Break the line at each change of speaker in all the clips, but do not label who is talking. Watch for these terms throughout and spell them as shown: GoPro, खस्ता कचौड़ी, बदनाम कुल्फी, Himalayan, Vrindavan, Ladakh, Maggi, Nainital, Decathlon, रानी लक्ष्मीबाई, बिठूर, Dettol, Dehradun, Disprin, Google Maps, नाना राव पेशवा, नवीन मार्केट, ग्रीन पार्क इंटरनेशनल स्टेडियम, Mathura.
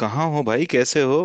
कहाँ हो भाई, कैसे हो।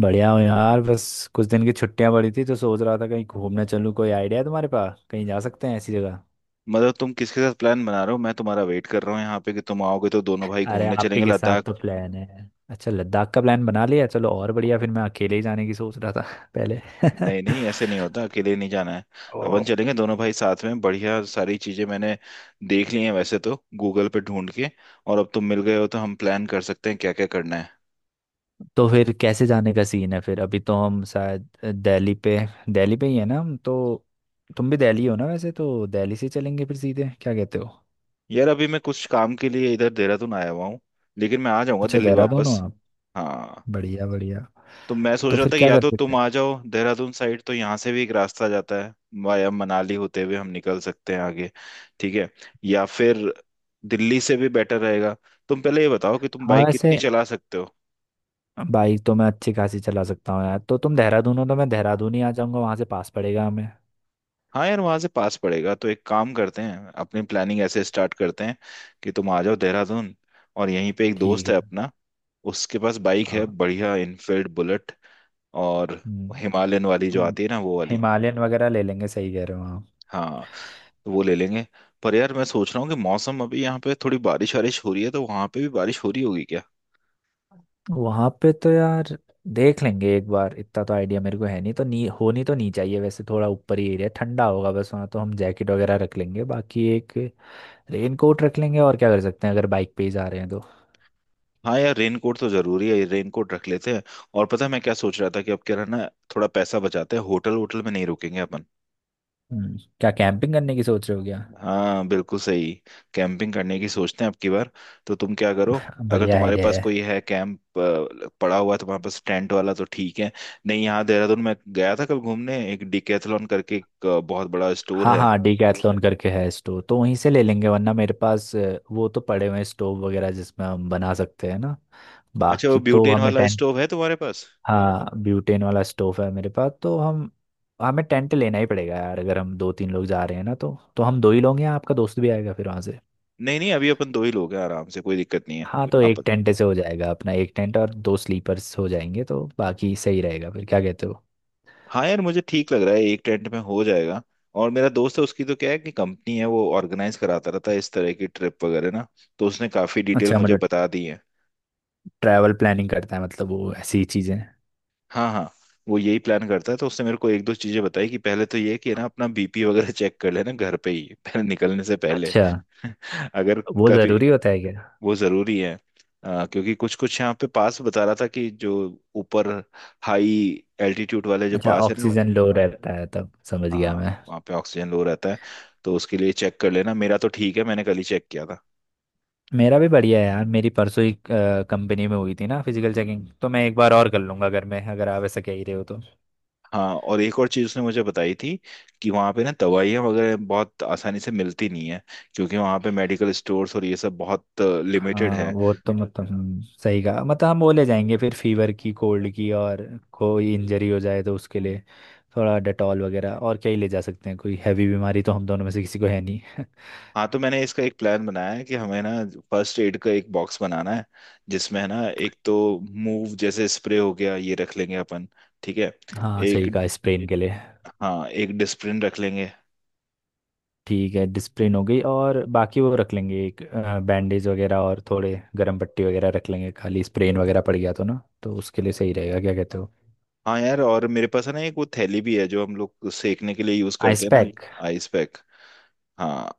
बढ़िया हो यार। बस कुछ दिन की छुट्टियां पड़ी थी तो सोच रहा था कहीं घूमने चलूँ। कोई आइडिया है तुम्हारे पास, कहीं जा सकते हैं ऐसी जगह?
मतलब तुम किसके साथ प्लान बना रहे हो। मैं तुम्हारा वेट कर रहा हूँ यहाँ पे कि तुम आओगे तो दोनों भाई
अरे
घूमने
आप ही
चलेंगे,
के साथ तो
लद्दाख।
प्लान है। अच्छा, लद्दाख का प्लान बना लिया, चलो और बढ़िया। फिर मैं अकेले ही जाने की सोच रहा था पहले।
नहीं नहीं, ऐसे नहीं होता, अकेले नहीं जाना है। अपन चलेंगे दोनों भाई साथ में। बढ़िया, सारी चीजें मैंने देख ली हैं वैसे तो, गूगल पे ढूंढ के। और अब तुम मिल गए हो तो हम प्लान कर सकते हैं क्या क्या करना है।
तो फिर कैसे जाने का सीन है फिर? अभी तो हम शायद दिल्ली पे, दिल्ली पे ही है ना हम तो। तुम भी दिल्ली हो ना वैसे? तो दिल्ली से चलेंगे फिर सीधे, क्या कहते हो?
यार, अभी मैं कुछ काम के लिए इधर देहरादून आया हुआ हूँ, लेकिन मैं आ जाऊंगा
अच्छा जी जी,
दिल्ली
आप देहरादून हो
वापस।
आप।
हाँ।
बढ़िया बढ़िया।
तो मैं सोच
तो
रहा
फिर
था कि
क्या
या
कर
तो
सकते
तुम
हैं?
आ जाओ देहरादून साइड, तो यहाँ से भी एक रास्ता जाता है, वाया मनाली होते हुए हम निकल सकते हैं आगे। ठीक है। या फिर दिल्ली से भी बेटर रहेगा। तुम पहले ये बताओ कि तुम
हाँ
बाइक
वैसे
कितनी चला सकते हो।
बाइक तो मैं अच्छी खासी चला सकता हूँ यार। तो तुम देहरादून हो तो मैं देहरादून ही आ जाऊंगा, वहां से पास पड़ेगा हमें।
हाँ यार, वहां से पास पड़ेगा, तो एक काम करते हैं, अपनी प्लानिंग ऐसे स्टार्ट करते हैं कि तुम आ जाओ देहरादून। और यहीं पे एक
ठीक
दोस्त
है।
है अपना, उसके पास बाइक है,
हाँ।
बढ़िया इनफील्ड बुलेट। और
हम्म,
हिमालयन वाली जो
हम्म,
आती है ना, वो वाली।
हिमालयन वगैरह ले लेंगे, सही कह रहे हो। हाँ
हाँ, तो वो ले लेंगे। पर यार मैं सोच रहा हूँ कि मौसम, अभी यहाँ पे थोड़ी बारिश वारिश हो रही है, तो वहां पे भी बारिश हो रही होगी क्या।
वहां पे तो यार देख लेंगे एक बार, इतना तो आइडिया मेरे को है नहीं। तो नी होनी तो नहीं चाहिए वैसे, थोड़ा ऊपर ही एरिया ठंडा होगा बस। वहाँ तो हम जैकेट वगैरह रख लेंगे, बाकी एक रेन कोट रख लेंगे। और क्या कर सकते हैं अगर बाइक पे ही जा रहे हैं तो।
हाँ यार, रेनकोट तो जरूरी है, रेनकोट रख लेते हैं। और पता है मैं क्या सोच रहा था, कि अब क्या रहना, थोड़ा पैसा बचाते हैं, होटल होटल में नहीं रुकेंगे अपन।
क्या कैंपिंग करने की सोच रहे हो क्या?
हाँ बिल्कुल सही, कैंपिंग करने की सोचते हैं अब की बार। तो तुम क्या करो, अगर
बढ़िया
तुम्हारे
आइडिया
पास कोई
है।
है, कैंप पड़ा हुआ है तुम्हारे पास, टेंट वाला, तो ठीक है। नहीं, यहाँ देहरादून में गया था कल घूमने, एक डिकैथलॉन करके एक बहुत बड़ा स्टोर
हाँ
है।
हाँ, डीकैथलॉन करके है। स्टोव तो वहीं से ले लेंगे, वरना मेरे पास वो तो पड़े हुए हैं स्टोव वगैरह जिसमें हम बना सकते हैं ना।
अच्छा, वो
बाकी तो
ब्यूटेन
हमें
वाला
टेंट।
स्टोव है तुम्हारे पास।
हाँ ब्यूटेन वाला स्टोव है मेरे पास। तो हम हमें टेंट लेना ही पड़ेगा यार। अगर हम दो तीन लोग जा रहे हैं ना तो, हम दो ही लोग हैं? आपका दोस्त भी आएगा फिर वहाँ से?
नहीं नहीं, अभी अपन दो ही लोग हैं, आराम से, कोई दिक्कत नहीं है।
हाँ तो
आप।
एक टेंट से हो जाएगा अपना। एक टेंट और दो स्लीपर्स हो जाएंगे तो बाकी सही रहेगा फिर, क्या कहते हो?
हाँ यार, मुझे ठीक लग रहा है, एक टेंट में हो जाएगा। और मेरा दोस्त है, उसकी तो क्या है कि कंपनी है, वो ऑर्गेनाइज कराता रहता है इस तरह की ट्रिप वगैरह ना, तो उसने काफी डिटेल
अच्छा,
मुझे
मतलब
बता दी है।
ट्रैवल प्लानिंग करता है मतलब वो, ऐसी ही चीज़ें।
हाँ हाँ। वो यही प्लान करता है, तो उसने मेरे को एक दो चीजें बताई, कि पहले तो ये कि ना अपना बीपी वगैरह चेक कर लेना, घर पे ही, पहले निकलने से पहले।
अच्छा,
अगर
वो
कभी,
ज़रूरी होता है क्या?
वो जरूरी है। क्योंकि कुछ कुछ यहाँ पे पास बता रहा था, कि जो ऊपर हाई एल्टीट्यूड वाले जो
अच्छा,
पास है ना।
ऑक्सीजन लो रहता है, तब समझ गया मैं।
हाँ, वहाँ पे ऑक्सीजन लो रहता है, तो उसके लिए चेक कर लेना। मेरा तो ठीक है, मैंने कल ही चेक किया था।
मेरा भी बढ़िया है यार, मेरी परसों ही कंपनी में हुई थी ना फिजिकल चेकिंग। तो मैं एक बार और कर लूंगा घर में अगर आप ऐसा कह ही रहे हो तो।
हाँ। और एक और चीज़ उसने मुझे बताई थी, कि वहाँ पे ना दवाइयाँ वगैरह बहुत आसानी से मिलती नहीं है, क्योंकि वहाँ पे मेडिकल स्टोर्स और ये सब बहुत लिमिटेड
हाँ
है।
वो तो मतलब सही कहा। मतलब हम वो ले जाएंगे फिर, फीवर की, कोल्ड की। और कोई इंजरी हो जाए तो उसके लिए थोड़ा डेटॉल वगैरह। और क्या ही ले जा सकते हैं, कोई हैवी बीमारी तो हम दोनों में से किसी को है नहीं।
हाँ, तो मैंने इसका एक प्लान बनाया है, कि हमें ना फर्स्ट एड का एक बॉक्स बनाना है, जिसमें है ना, एक तो मूव जैसे स्प्रे हो गया, ये रख लेंगे अपन, ठीक है।
हाँ
एक,
सही कहा, स्प्रेन के लिए।
हाँ, एक डिस्प्रिन रख लेंगे।
ठीक है, डिस्प्रिन हो गई। और बाकी वो रख लेंगे एक बैंडेज वगैरह, और थोड़े गर्म पट्टी वगैरह रख लेंगे। खाली स्प्रेन वगैरह पड़ गया तो ना, तो उसके लिए सही रहेगा, क्या कहते हो?
हाँ यार, और मेरे पास है ना एक वो थैली भी है जो हम लोग सेकने के लिए यूज करते
आइस
हैं ना।
पैक।
Ice pack. हाँ,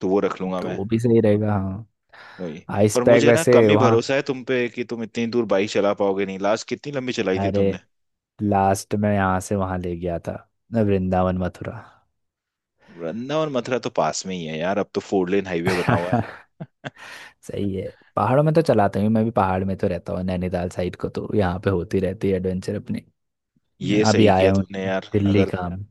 तो वो रख लूंगा
तो
मैं।
वो भी सही रहेगा हाँ।
वही।
आइस
पर
पैक
मुझे ना
वैसे
कम ही
वहाँ।
भरोसा है तुम पे कि तुम इतनी दूर बाइक चला पाओगे, नहीं लास्ट कितनी लंबी चलाई थी
अरे
तुमने।
लास्ट में यहाँ से वहाँ ले गया था, वृंदावन मथुरा।
वृंदावन मथुरा तो पास में ही है यार, अब तो फोर लेन हाईवे बना हुआ है।
सही है। पहाड़ों में तो चलाता हूँ मैं भी, पहाड़ में तो रहता हूँ नैनीताल साइड को, तो यहाँ पे होती रहती है एडवेंचर अपनी।
ये
अभी
सही किया
आया हूँ
तुमने यार,
दिल्ली
अगर।
काम।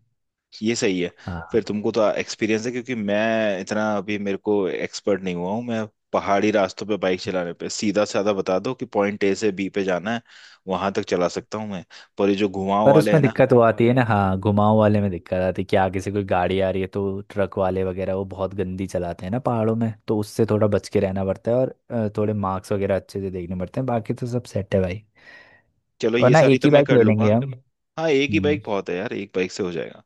ये सही है।
हाँ
फिर तुमको तो एक्सपीरियंस है, क्योंकि मैं इतना, अभी मेरे को एक्सपर्ट नहीं हुआ हूँ मैं पहाड़ी रास्तों पे बाइक चलाने पे। सीधा साधा बता दो कि पॉइंट ए से बी पे जाना है, वहां तक चला सकता हूँ मैं। पर ये जो घुमाव
पर उसमें
वाले है
कुछ
ना।
दिक्कत वो आती है ना, हाँ घुमाव वाले में दिक्कत आती है कि आगे से कोई गाड़ी आ रही है तो। ट्रक वाले वगैरह वो बहुत गंदी चलाते हैं ना पहाड़ों में, तो उससे थोड़ा बच के रहना पड़ता है। और थोड़े मार्क्स वगैरह अच्छे से देखने पड़ते हैं। बाकी तो सब सेट है भाई।
चलो, ये
वरना
सारी
एक
तो
ही
मैं
बाइक
कर
ले लेंगे
लूंगा।
हम।
हाँ एक ही
हम्म,
बाइक बहुत है यार, एक बाइक से हो जाएगा।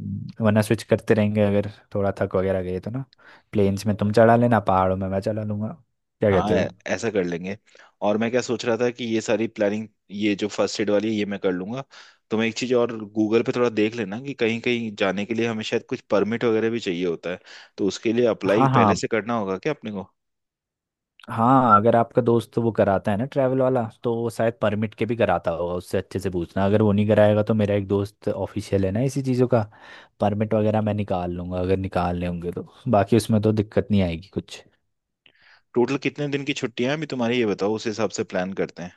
वरना स्विच करते रहेंगे अगर थोड़ा थक वगैरह गए तो ना। प्लेन्स में तुम चढ़ा लेना, पहाड़ों में मैं चला लूंगा, क्या
हाँ,
कहते हो?
ऐसा कर लेंगे। और मैं क्या सोच रहा था, कि ये सारी प्लानिंग, ये जो फर्स्ट एड वाली है, ये मैं कर लूंगा। तुम्हें एक चीज और गूगल पे थोड़ा देख लेना, कि कहीं कहीं जाने के लिए हमें शायद कुछ परमिट वगैरह भी चाहिए होता है, तो उसके लिए अप्लाई
हाँ
पहले
हाँ।
से करना होगा क्या अपने को।
हाँ अगर आपका दोस्त वो कराता है ना ट्रैवल वाला, तो वो शायद परमिट के भी कराता होगा, उससे अच्छे से पूछना। अगर वो नहीं कराएगा तो मेरा एक दोस्त ऑफिशियल है ना इसी चीज़ों का, परमिट वगैरह मैं निकाल लूंगा अगर निकालने होंगे तो। बाकी उसमें तो दिक्कत नहीं आएगी कुछ।
टोटल कितने दिन की छुट्टियां हैं अभी तुम्हारी, ये बताओ, उस हिसाब से प्लान करते हैं।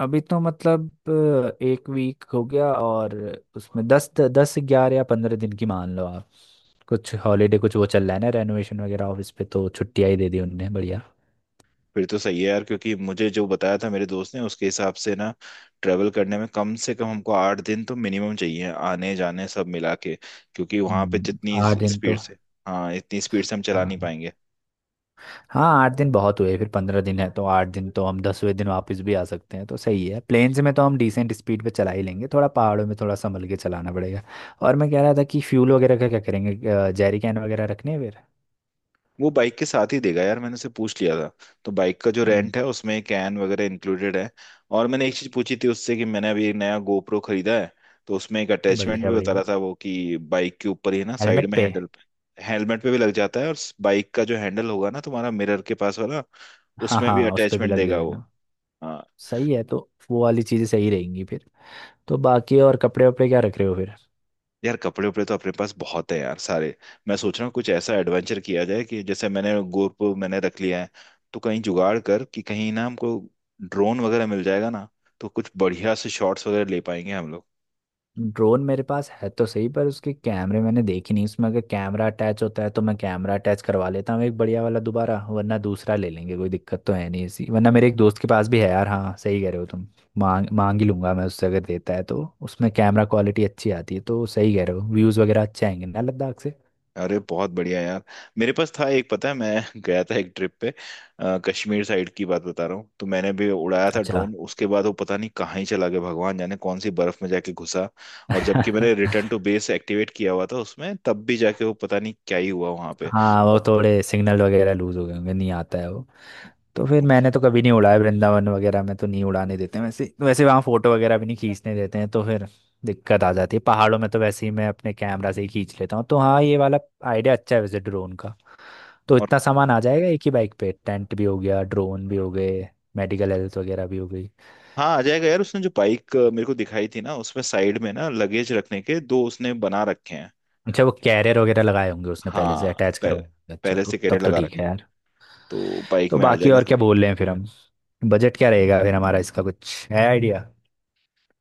अभी तो मतलब 1 वीक हो गया, और उसमें दस दस ग्यारह या 15 दिन की मान लो आप। कुछ हॉलीडे, कुछ वो चल रहा है ना रेनोवेशन वगैरह ऑफिस पे, तो छुट्टियाँ ही दे दी उनने, बढ़िया।
फिर तो सही है यार, क्योंकि मुझे जो बताया था मेरे दोस्त ने, उसके हिसाब से ना ट्रेवल करने में कम से कम हमको 8 दिन तो मिनिमम चाहिए, आने जाने सब मिला के। क्योंकि वहां पे
हम्म,
जितनी
8 दिन तो।
स्पीड से, हाँ इतनी स्पीड से हम चला नहीं
हाँ
पाएंगे।
हाँ, 8 दिन बहुत हुए। फिर 15 दिन है तो 8 दिन तो, हम 10वें दिन वापस भी आ सकते हैं, तो सही है। प्लेन्स में तो हम डिसेंट स्पीड पे चला ही लेंगे, थोड़ा पहाड़ों में थोड़ा संभल के चलाना पड़ेगा। और मैं कह रहा था कि फ्यूल वगैरह का क्या करेंगे, जैरी कैन वगैरह रखने हैं फिर?
वो बाइक के साथ ही देगा यार, मैंने उससे पूछ लिया था। तो बाइक का जो
हम्म,
रेंट है, उसमें कैन वगैरह इंक्लूडेड है। और मैंने एक चीज पूछी थी उससे, कि मैंने अभी एक नया गोप्रो खरीदा है, तो उसमें एक अटैचमेंट
बढ़िया
भी बता रहा
बढ़िया।
था वो, कि बाइक के ऊपर ही ना, साइड
हेलमेट
में,
पे।
हैंडल पे, हेलमेट पे भी लग जाता है। और बाइक का जो हैंडल होगा ना तुम्हारा, मिरर के पास वाला,
हाँ
उसमें भी
हाँ उस पे भी
अटैचमेंट
लग
देगा वो।
जाएगा।
हाँ
सही है तो। वो वाली चीज़ें सही रहेंगी फिर। तो बाकी और कपड़े वपड़े क्या रख रहे हो फिर?
यार, कपड़े उपड़े तो अपने पास बहुत है यार, सारे। मैं सोच रहा हूँ कुछ ऐसा एडवेंचर किया जाए कि, जैसे मैंने गोप मैंने रख लिया है, तो कहीं जुगाड़ कर कि कहीं ना हमको ड्रोन वगैरह मिल जाएगा ना, तो कुछ बढ़िया से शॉट्स वगैरह ले पाएंगे हम लोग।
ड्रोन मेरे पास है तो सही, पर उसके कैमरे मैंने देखे नहीं। उसमें अगर कैमरा अटैच होता है तो मैं कैमरा अटैच करवा लेता हूँ एक बढ़िया वाला दोबारा, वरना दूसरा ले लेंगे, कोई दिक्कत तो है नहीं ऐसी। वरना मेरे एक दोस्त के पास भी है यार, हाँ सही कह रहे हो तुम। मांग मांग ही लूंगा मैं उससे, अगर देता है तो। उसमें कैमरा क्वालिटी अच्छी आती है, तो सही कह रहे हो, व्यूज़ वगैरह अच्छे आएंगे ना लद्दाख से।
अरे बहुत बढ़िया यार। मेरे पास था एक, पता है, मैं गया था एक ट्रिप पे, कश्मीर साइड की बात बता रहा हूँ। तो मैंने भी उड़ाया था
अच्छा।
ड्रोन, उसके बाद वो पता नहीं कहाँ ही चला गया, भगवान जाने कौन सी बर्फ में जाके घुसा। और जबकि मैंने रिटर्न टू बेस एक्टिवेट किया हुआ था उसमें, तब भी जाके वो पता नहीं क्या ही हुआ वहां पे।
हाँ वो
और
थोड़े सिग्नल वगैरह लूज हो गए होंगे, नहीं आता है वो। तो फिर मैंने तो कभी नहीं उड़ाया, वृंदावन वगैरह में तो नहीं उड़ाने देते हैं वैसे। वैसे वहाँ फोटो वगैरह भी नहीं खींचने देते हैं, तो फिर दिक्कत आ जाती है। पहाड़ों में तो वैसे ही मैं अपने कैमरा से ही खींच लेता हूँ, तो हाँ ये वाला आइडिया अच्छा है वैसे ड्रोन का। तो
और
इतना सामान आ जाएगा एक ही बाइक पे? टेंट भी हो गया, ड्रोन भी हो गए, मेडिकल हेल्थ वगैरह भी हो गई।
हाँ, आ जाएगा यार, उसने जो बाइक मेरे को दिखाई थी ना, उसमें साइड में ना लगेज रखने के दो उसने बना रखे हैं।
अच्छा वो कैरियर वगैरह लगाए होंगे उसने, पहले से
हाँ,
अटैच करवाए होंगे। अच्छा
पहले
तो
से
तब
कैरियर
तो
लगा
ठीक है
रखे हैं,
यार।
तो बाइक
तो
में आ
बाकी
जाएगा।
और क्या बोल रहे हैं फिर हम, बजट क्या रहेगा फिर हमारा? इसका कुछ है आइडिया?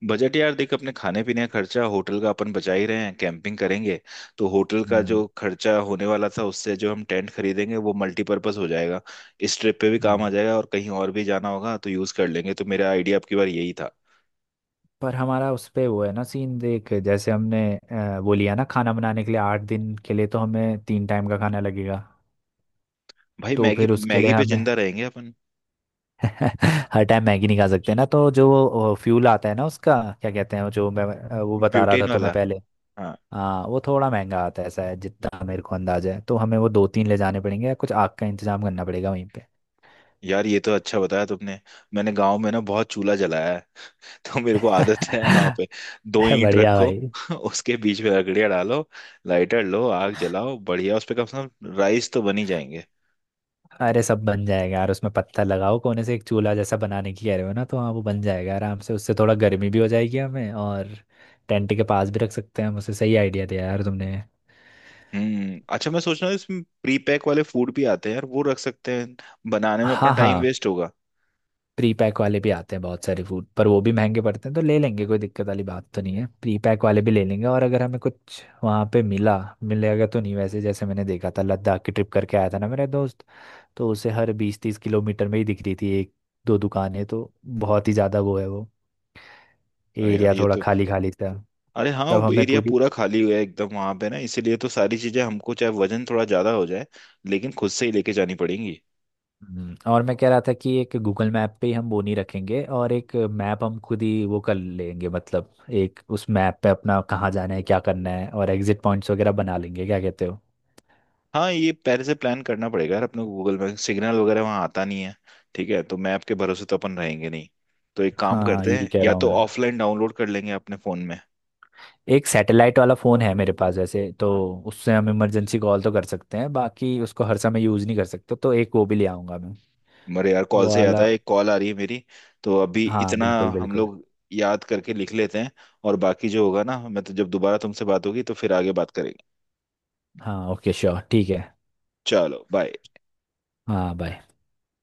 बजट, यार देख, अपने खाने पीने का खर्चा, होटल का अपन बचा ही रहे हैं, कैंपिंग करेंगे, तो होटल का
हम्म
जो खर्चा होने वाला था, उससे जो हम टेंट खरीदेंगे वो मल्टीपर्पज हो जाएगा। इस ट्रिप पे भी काम
हम्म।
आ जाएगा और कहीं और भी जाना होगा तो यूज कर लेंगे। तो मेरा आइडिया आपकी बार यही था।
पर हमारा उस पे वो है ना सीन, देख जैसे हमने वो लिया ना खाना बनाने के लिए, 8 दिन के लिए तो हमें 3 टाइम का खाना लगेगा।
भाई,
तो
मैगी
फिर उसके लिए
मैगी पे
हमें
जिंदा रहेंगे अपन।
हर टाइम मैगी नहीं खा सकते ना। तो जो फ्यूल आता है ना उसका, क्या कहते हैं वो, जो मैं वो बता रहा था
ब्यूटेन
तुम्हें
वाला।
पहले।
हाँ
हाँ वो थोड़ा महंगा आता है ऐसा है, जितना मेरे को अंदाजा है। तो हमें वो दो तीन ले जाने पड़ेंगे, या कुछ आग का इंतजाम करना पड़ेगा वहीं पे।
यार ये तो अच्छा बताया तुमने। मैंने गांव में ना बहुत चूल्हा जलाया है, तो मेरे को आदत है। यहाँ पे दो ईंट
बढ़िया
रखो,
भाई।
उसके बीच में लकड़ियाँ डालो, लाइटर लो, आग जलाओ, बढ़िया उस पे कम से कम राइस तो बन ही जाएंगे।
अरे सब बन जाएगा यार, उसमें पत्थर लगाओ कोने से, एक चूल्हा जैसा बनाने की कह रहे हो ना, तो हाँ वो बन जाएगा आराम से। उससे थोड़ा गर्मी भी हो जाएगी हमें, और टेंट के पास भी रख सकते हैं हम उसे। सही आइडिया दिया यार तुमने।
हम्म, अच्छा, मैं सोच रहा हूँ इसमें प्री पैक वाले फूड भी आते हैं यार, वो रख सकते हैं, बनाने में अपना
हाँ
टाइम
हाँ,
वेस्ट होगा।
प्री पैक वाले भी आते हैं बहुत सारे फूड, पर वो भी महंगे पड़ते हैं। तो ले लेंगे, कोई दिक्कत वाली बात तो नहीं है, प्री पैक वाले भी ले लेंगे। और अगर हमें कुछ वहाँ पे मिला, मिलेगा तो नहीं वैसे, जैसे मैंने देखा था लद्दाख की ट्रिप करके आया था ना मेरा दोस्त, तो उसे हर 20-30 किलोमीटर में ही दिख रही थी एक दो दुकानें तो। बहुत ही ज़्यादा वो है वो,
अरे यार
एरिया
ये
थोड़ा
तो
खाली खाली था।
अरे हाँ,
तब
वो
हमें
एरिया
पूरी।
पूरा खाली हुआ है एकदम वहां पे ना। इसीलिए तो सारी चीजें हमको, चाहे वजन थोड़ा ज्यादा हो जाए लेकिन, खुद से ही लेके जानी पड़ेंगी।
और मैं कह रहा था कि एक गूगल मैप पे ही हम बोनी रखेंगे, और एक मैप हम खुद ही वो कर लेंगे, मतलब एक उस मैप पे अपना कहाँ जाना है, क्या करना है, और एग्जिट पॉइंट्स वगैरह बना लेंगे, क्या कहते हो?
हाँ, ये पहले से प्लान करना पड़ेगा यार अपने को। गूगल में सिग्नल वगैरह वहाँ आता नहीं है, ठीक है। तो मैप के भरोसे तो अपन रहेंगे नहीं। तो एक काम
हाँ
करते
यही
हैं,
कह
या
रहा हूँ
तो
मैं।
ऑफलाइन डाउनलोड कर लेंगे अपने फोन में।
एक सैटेलाइट वाला फ़ोन है मेरे पास वैसे तो, उससे हम इमरजेंसी कॉल तो कर सकते हैं, बाकी उसको हर समय यूज़ नहीं कर सकते। तो एक वो भी ले आऊँगा मैं।
मरे यार, कॉल
वो
से याद
वाला।
आया, एक कॉल आ रही है मेरी, तो अभी
हाँ
इतना
बिल्कुल
हम
बिल्कुल।
लोग याद करके लिख लेते हैं। और बाकी जो होगा ना, मैं तो जब दोबारा तुमसे बात होगी तो फिर आगे बात करेंगे।
हाँ ओके श्योर, ठीक है।
चलो बाय।
हाँ बाय।